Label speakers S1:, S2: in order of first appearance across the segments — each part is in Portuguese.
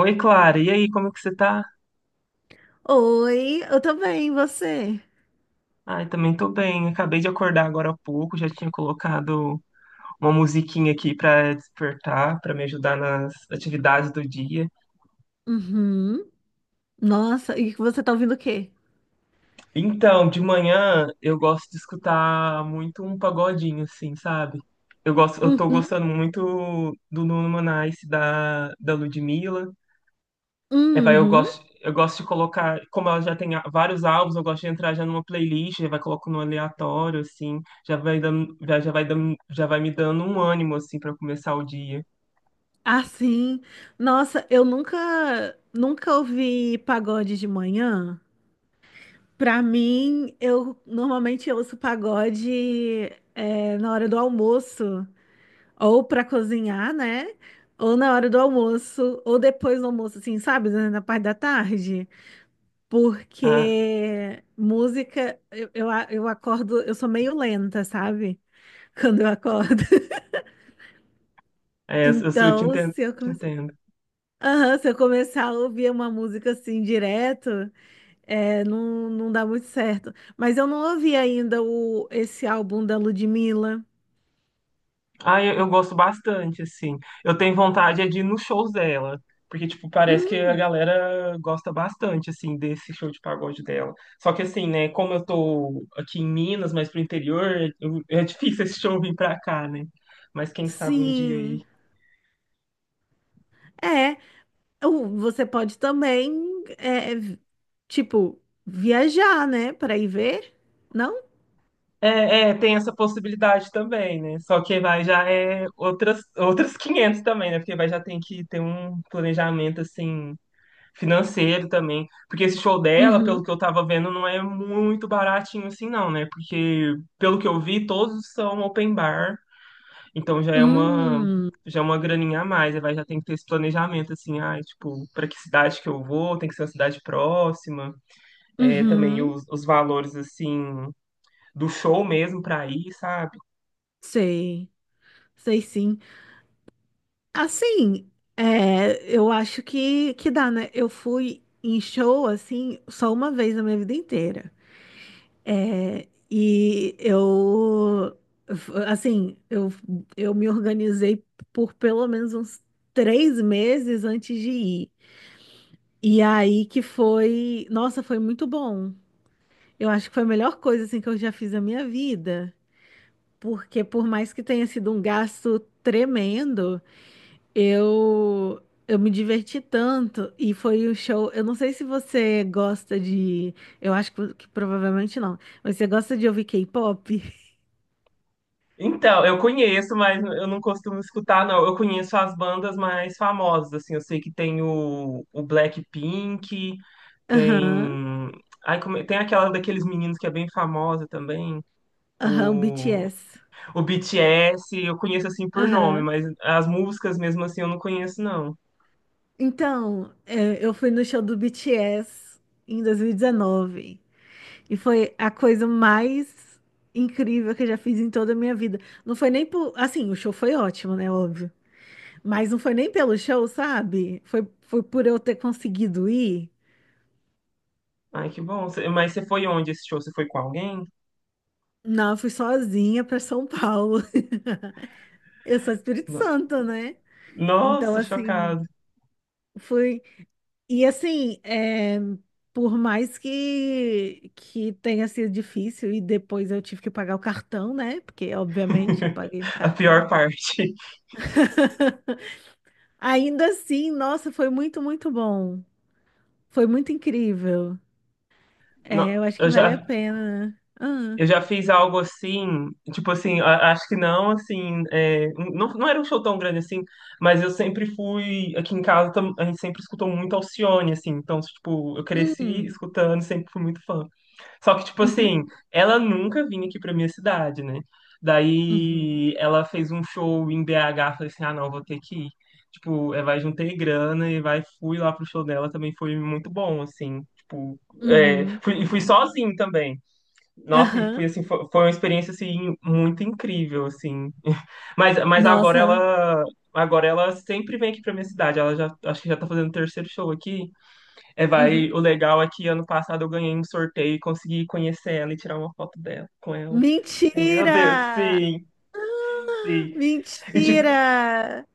S1: Oi, Clara. E aí, como é que você tá?
S2: Oi, eu também, e você?
S1: Ai, também tô bem. Acabei de acordar agora há pouco, já tinha colocado uma musiquinha aqui pra despertar, pra me ajudar nas atividades do dia.
S2: Uhum. Nossa, e você tá ouvindo o quê?
S1: Então, de manhã eu gosto de escutar muito um pagodinho assim, sabe? Eu tô
S2: Uhum.
S1: gostando muito do Nuno Manais, da Ludmilla. É, vai, eu
S2: Uhum.
S1: gosto, eu gosto de colocar, como ela já tem vários álbuns, eu gosto de entrar já numa playlist, já vai colocando no aleatório, assim, já vai dando, já vai me dando um ânimo, assim, para começar o dia.
S2: Ah, sim. Nossa, eu nunca, nunca ouvi pagode de manhã. Pra mim, eu normalmente eu ouço pagode é, na hora do almoço, ou pra cozinhar, né? Ou na hora do almoço, ou depois do almoço, assim, sabe? Na parte da tarde.
S1: Ah,
S2: Porque música, eu acordo, eu sou meio lenta, sabe? Quando eu acordo.
S1: é, eu te
S2: Então,
S1: entendo,
S2: se eu
S1: te
S2: começar,
S1: entendo.
S2: aham, se eu começar a ouvir uma música assim direto, é, não, não dá muito certo. Mas eu não ouvi ainda esse álbum da Ludmilla.
S1: Ah, eu gosto bastante, assim. Eu tenho vontade é de ir nos shows dela. Porque, tipo, parece que a
S2: Hum,
S1: galera gosta bastante, assim, desse show de pagode dela. Só que, assim, né, como eu tô aqui em Minas, mas pro interior, é difícil esse show vir pra cá, né? Mas quem sabe um dia aí.
S2: sim. É, você pode também, é, tipo, viajar, né? Para ir ver, não?
S1: Tem essa possibilidade também, né? Só que vai já é outras 500 também, né? Porque vai já tem que ter um planejamento, assim, financeiro também. Porque esse show dela, pelo
S2: Uhum.
S1: que eu tava vendo, não é muito baratinho assim, não, né? Porque, pelo que eu vi, todos são open bar. Então já é uma,
S2: Hum.
S1: já é uma graninha a mais. Aí vai, já tem que ter esse planejamento, assim, ah tipo, para que cidade que eu vou, tem que ser uma cidade próxima. É, também
S2: Uhum,
S1: os valores, assim, do show mesmo pra ir, sabe?
S2: sei, sei sim. Assim, é, eu acho que dá, né? Eu fui em show, assim, só uma vez na minha vida inteira. É, e eu, assim, eu me organizei por pelo menos uns 3 meses antes de ir. E aí que foi, nossa, foi muito bom. Eu acho que foi a melhor coisa, assim, que eu já fiz na minha vida. Porque por mais que tenha sido um gasto tremendo, Eu, eu me diverti tanto e foi o show. Eu não sei se você gosta de. Eu acho que provavelmente não. Mas você gosta de ouvir K-pop?
S1: Então, eu conheço, mas eu não costumo escutar, não. Eu conheço as bandas mais famosas, assim. Eu sei que tem o Blackpink,
S2: Aham,
S1: tem. Ai, como... é, tem aquela daqueles meninos que é bem famosa também.
S2: aham, o
S1: O...
S2: BTS.
S1: o BTS, eu conheço assim por nome,
S2: Aham.
S1: mas as músicas mesmo assim eu não conheço, não.
S2: Então, é, eu fui no show do BTS em 2019 e dezenove e foi a coisa mais incrível que eu já fiz em toda a minha vida. Não foi nem por. Assim, o show foi ótimo, né? Óbvio. Mas não foi nem pelo show, sabe? Foi por eu ter conseguido ir.
S1: Ai, que bom. Mas você foi onde esse show? Você foi com alguém?
S2: Não, eu fui sozinha para São Paulo. Eu sou Espírito
S1: No-
S2: Santo, né? Então,
S1: Nossa,
S2: assim,
S1: chocado.
S2: fui. E, assim, é, por mais que tenha sido difícil, e depois eu tive que pagar o cartão, né? Porque, obviamente, eu paguei no
S1: A
S2: cartão.
S1: pior parte.
S2: Ainda assim, nossa, foi muito, muito bom. Foi muito incrível. É,
S1: Não,
S2: eu acho que
S1: eu
S2: vale a
S1: já.
S2: pena. Ah,
S1: Eu já fiz algo assim, tipo assim, acho que não, assim, é, não, não era um show tão grande assim, mas eu sempre fui, aqui em casa a gente sempre escutou muito Alcione, assim, então, tipo, eu cresci
S2: hum,
S1: escutando, sempre fui muito fã. Só que, tipo
S2: uhum,
S1: assim, ela nunca vinha aqui pra minha cidade, né?
S2: uhum,
S1: Daí ela fez um show em BH, falei assim, ah, não, vou ter que ir. Tipo, é, vai, juntei grana e vai, fui lá pro show dela, também foi muito bom, assim, tipo, é,
S2: uhum,
S1: fui, e fui sozinho também. Nossa, e foi
S2: aham.
S1: assim, foi uma experiência assim muito incrível, assim. Mas
S2: Nossa.
S1: agora ela sempre vem aqui pra minha cidade. Ela já, acho que já tá fazendo o terceiro show aqui. É,
S2: Uhum.
S1: vai, o legal é que ano passado eu ganhei um sorteio e consegui conhecer ela e tirar uma foto dela com ela. Meu Deus,
S2: Mentira!
S1: sim,
S2: Ah,
S1: sim. E tipo,
S2: mentira!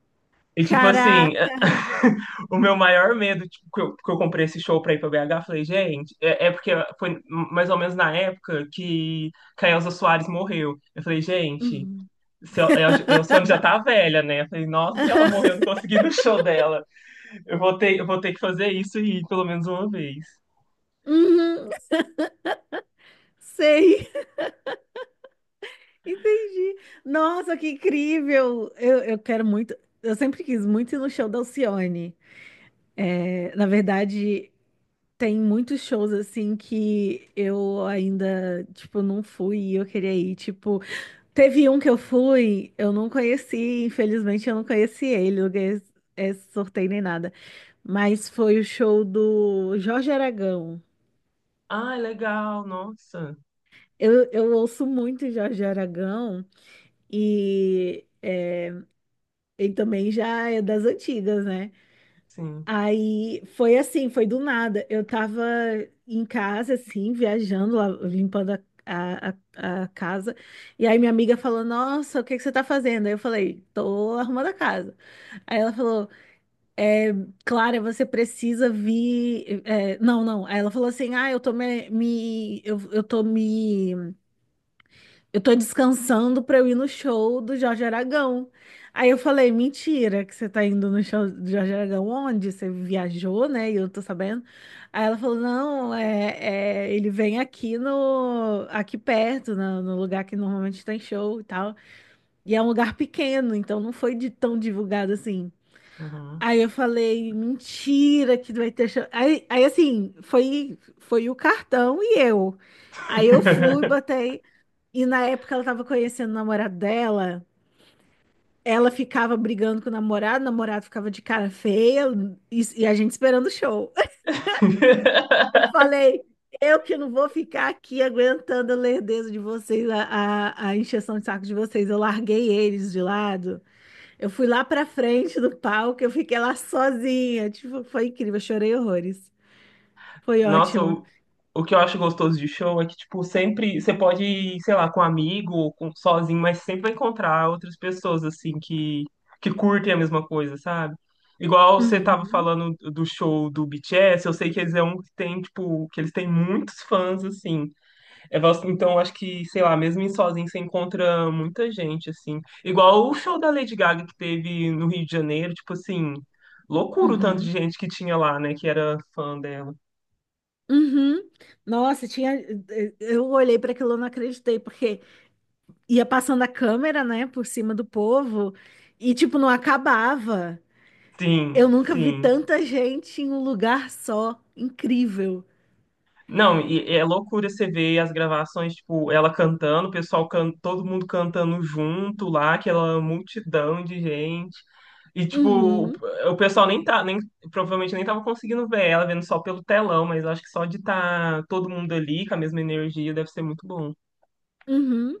S1: e tipo
S2: Caraca,
S1: assim,
S2: arrasou.
S1: o meu maior medo, tipo, que eu comprei esse show pra ir pra BH, eu falei, gente, é porque foi mais ou menos na época que a Elza Soares morreu. Eu falei, gente,
S2: Uhum.
S1: se a Alcione já tá velha, né? Eu falei, nossa, se ela morreu, eu não consegui ir no show dela. Eu vou ter que fazer isso e ir pelo menos uma vez.
S2: Uhum, sei, entendi. Nossa, que incrível! Eu quero muito, eu sempre quis muito ir no show da Alcione. É, na verdade, tem muitos shows assim que eu ainda, tipo, não fui e eu queria ir, tipo. Teve um que eu fui, eu não conheci, infelizmente eu não conheci ele, não ganhei esse sorteio nem nada. Mas foi o show do Jorge Aragão.
S1: Ah, legal, nossa.
S2: Eu ouço muito Jorge Aragão e é, ele também já é das antigas, né?
S1: Sim.
S2: Aí foi assim, foi do nada. Eu tava em casa, assim, viajando, lá, limpando a, a casa. E aí minha amiga falou: Nossa, o que que você tá fazendo? Aí eu falei: Tô arrumando a casa. Aí ela falou: é, Clara, você precisa vir. É, não, não. Aí ela falou assim: Ah, eu tô descansando pra eu ir no show do Jorge Aragão. Aí eu falei, mentira, que você tá indo no show do Jorge Aragão, onde? Você viajou, né? E eu tô sabendo. Aí ela falou, não, ele vem aqui perto, no lugar que normalmente tem show e tal. E é um lugar pequeno, então não foi tão divulgado assim.
S1: Uhum.
S2: Aí eu falei, mentira, que vai ter show. Aí assim, foi o cartão e eu. Aí eu fui, botei. E na época ela tava conhecendo o namorado dela, ela ficava brigando com o namorado ficava de cara feia e a gente esperando o show. Eu falei, eu que não vou ficar aqui aguentando a lerdeza de vocês, a encheção de saco de vocês. Eu larguei eles de lado, eu fui lá pra frente do palco, eu fiquei lá sozinha. Tipo, foi incrível, eu chorei horrores. Foi
S1: Nossa,
S2: ótimo.
S1: o que eu acho gostoso de show é que, tipo, sempre você pode ir, sei lá, com um amigo ou com, sozinho, mas sempre vai encontrar outras pessoas, assim, que curtem a mesma coisa, sabe? Igual você tava
S2: Uhum,
S1: falando do show do BTS, eu sei que eles é um que tem, tipo, que eles têm muitos fãs, assim. É, então, eu acho que, sei lá, mesmo em sozinho você encontra muita gente, assim. Igual o show da Lady Gaga que teve no Rio de Janeiro, tipo assim, loucura o tanto de
S2: uhum,
S1: gente que tinha lá, né, que era fã dela.
S2: uhum. Nossa, tinha. Eu olhei para aquilo, eu não acreditei, porque ia passando a câmera, né, por cima do povo e tipo não acabava. Eu
S1: Sim,
S2: nunca vi
S1: sim.
S2: tanta gente em um lugar só. Incrível.
S1: Não, e é loucura você ver as gravações, tipo, ela cantando, o pessoal can... todo mundo cantando junto lá, aquela multidão de gente. E tipo, o
S2: Uhum,
S1: o pessoal nem tá, nem provavelmente nem tava conseguindo ver ela, vendo só pelo telão, mas eu acho que só de estar todo mundo ali com a mesma energia deve ser muito bom.
S2: uhum.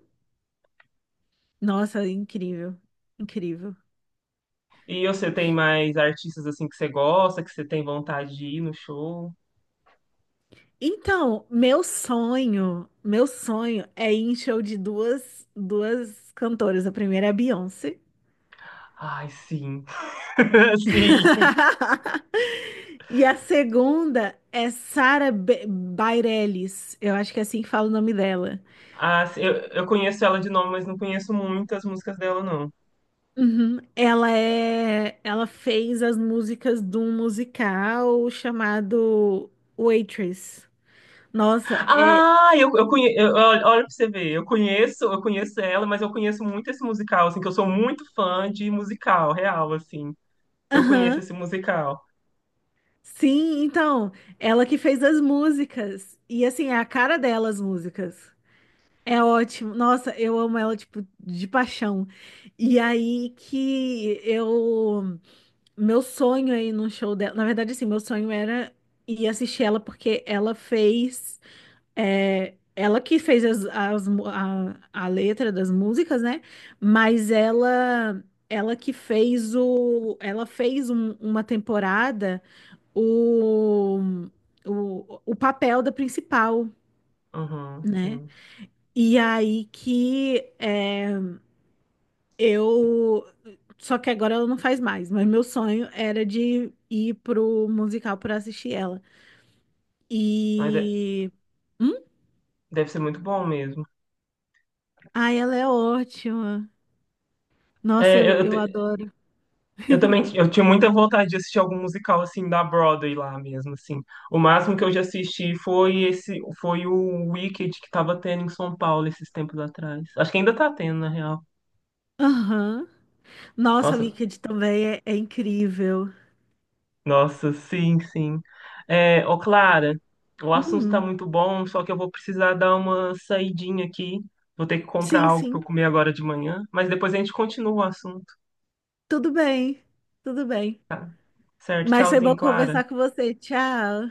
S2: Nossa, incrível. Incrível.
S1: E você tem mais artistas assim que você gosta, que você tem vontade de ir no show?
S2: Então, meu sonho é ir em show de duas cantoras. A primeira é a Beyoncé.
S1: Ai, sim. Sim.
S2: E a segunda é Sarah Bareilles. Eu acho que é assim que fala o nome dela.
S1: Ah, sim, eu conheço ela de nome, mas não conheço muitas músicas dela, não.
S2: Uhum. Ela é, ela fez as músicas de um musical chamado Waitress. Nossa, é,
S1: Ah, eu conheço. Olha, olha pra você ver. Eu conheço ela, mas eu conheço muito esse musical, assim, que eu sou muito fã de musical, real, assim. Eu conheço
S2: aham.
S1: esse musical.
S2: Sim, então, ela que fez as músicas e assim, é a cara dela as músicas. É ótimo. Nossa, eu amo ela tipo de paixão. E aí que eu meu sonho aí no show dela, na verdade assim, meu sonho era ir assistir ela porque ela fez. É, ela que fez a letra das músicas, né? Mas ela que fez uma temporada o, o papel da principal,
S1: Uhum,
S2: né?
S1: sim.
S2: E aí que é, eu só que agora ela não faz mais, mas meu sonho era de ir pro musical para assistir ela.
S1: Mas de-
S2: E hum?
S1: deve ser muito bom mesmo.
S2: Ai, ela é ótima. Nossa,
S1: É,
S2: eu, eu adoro.
S1: eu também eu tinha muita vontade de assistir algum musical, assim, da Broadway lá mesmo, assim. O máximo que eu já assisti foi esse, foi o Wicked que tava tendo em São Paulo esses tempos atrás. Acho que ainda tá tendo, na real.
S2: Aham. Nossa, o
S1: Nossa,
S2: Wicked também é incrível.
S1: nossa, sim, sim. É, ô Clara, o assunto tá
S2: Hum,
S1: muito bom, só que eu vou precisar dar uma saidinha aqui. Vou ter que comprar
S2: sim,
S1: algo para eu
S2: sim.
S1: comer agora de manhã, mas depois a gente continua o assunto.
S2: Tudo bem. Tudo bem.
S1: Certo?
S2: Mas foi
S1: Tchauzinho,
S2: bom
S1: Clara.
S2: conversar com você. Tchau.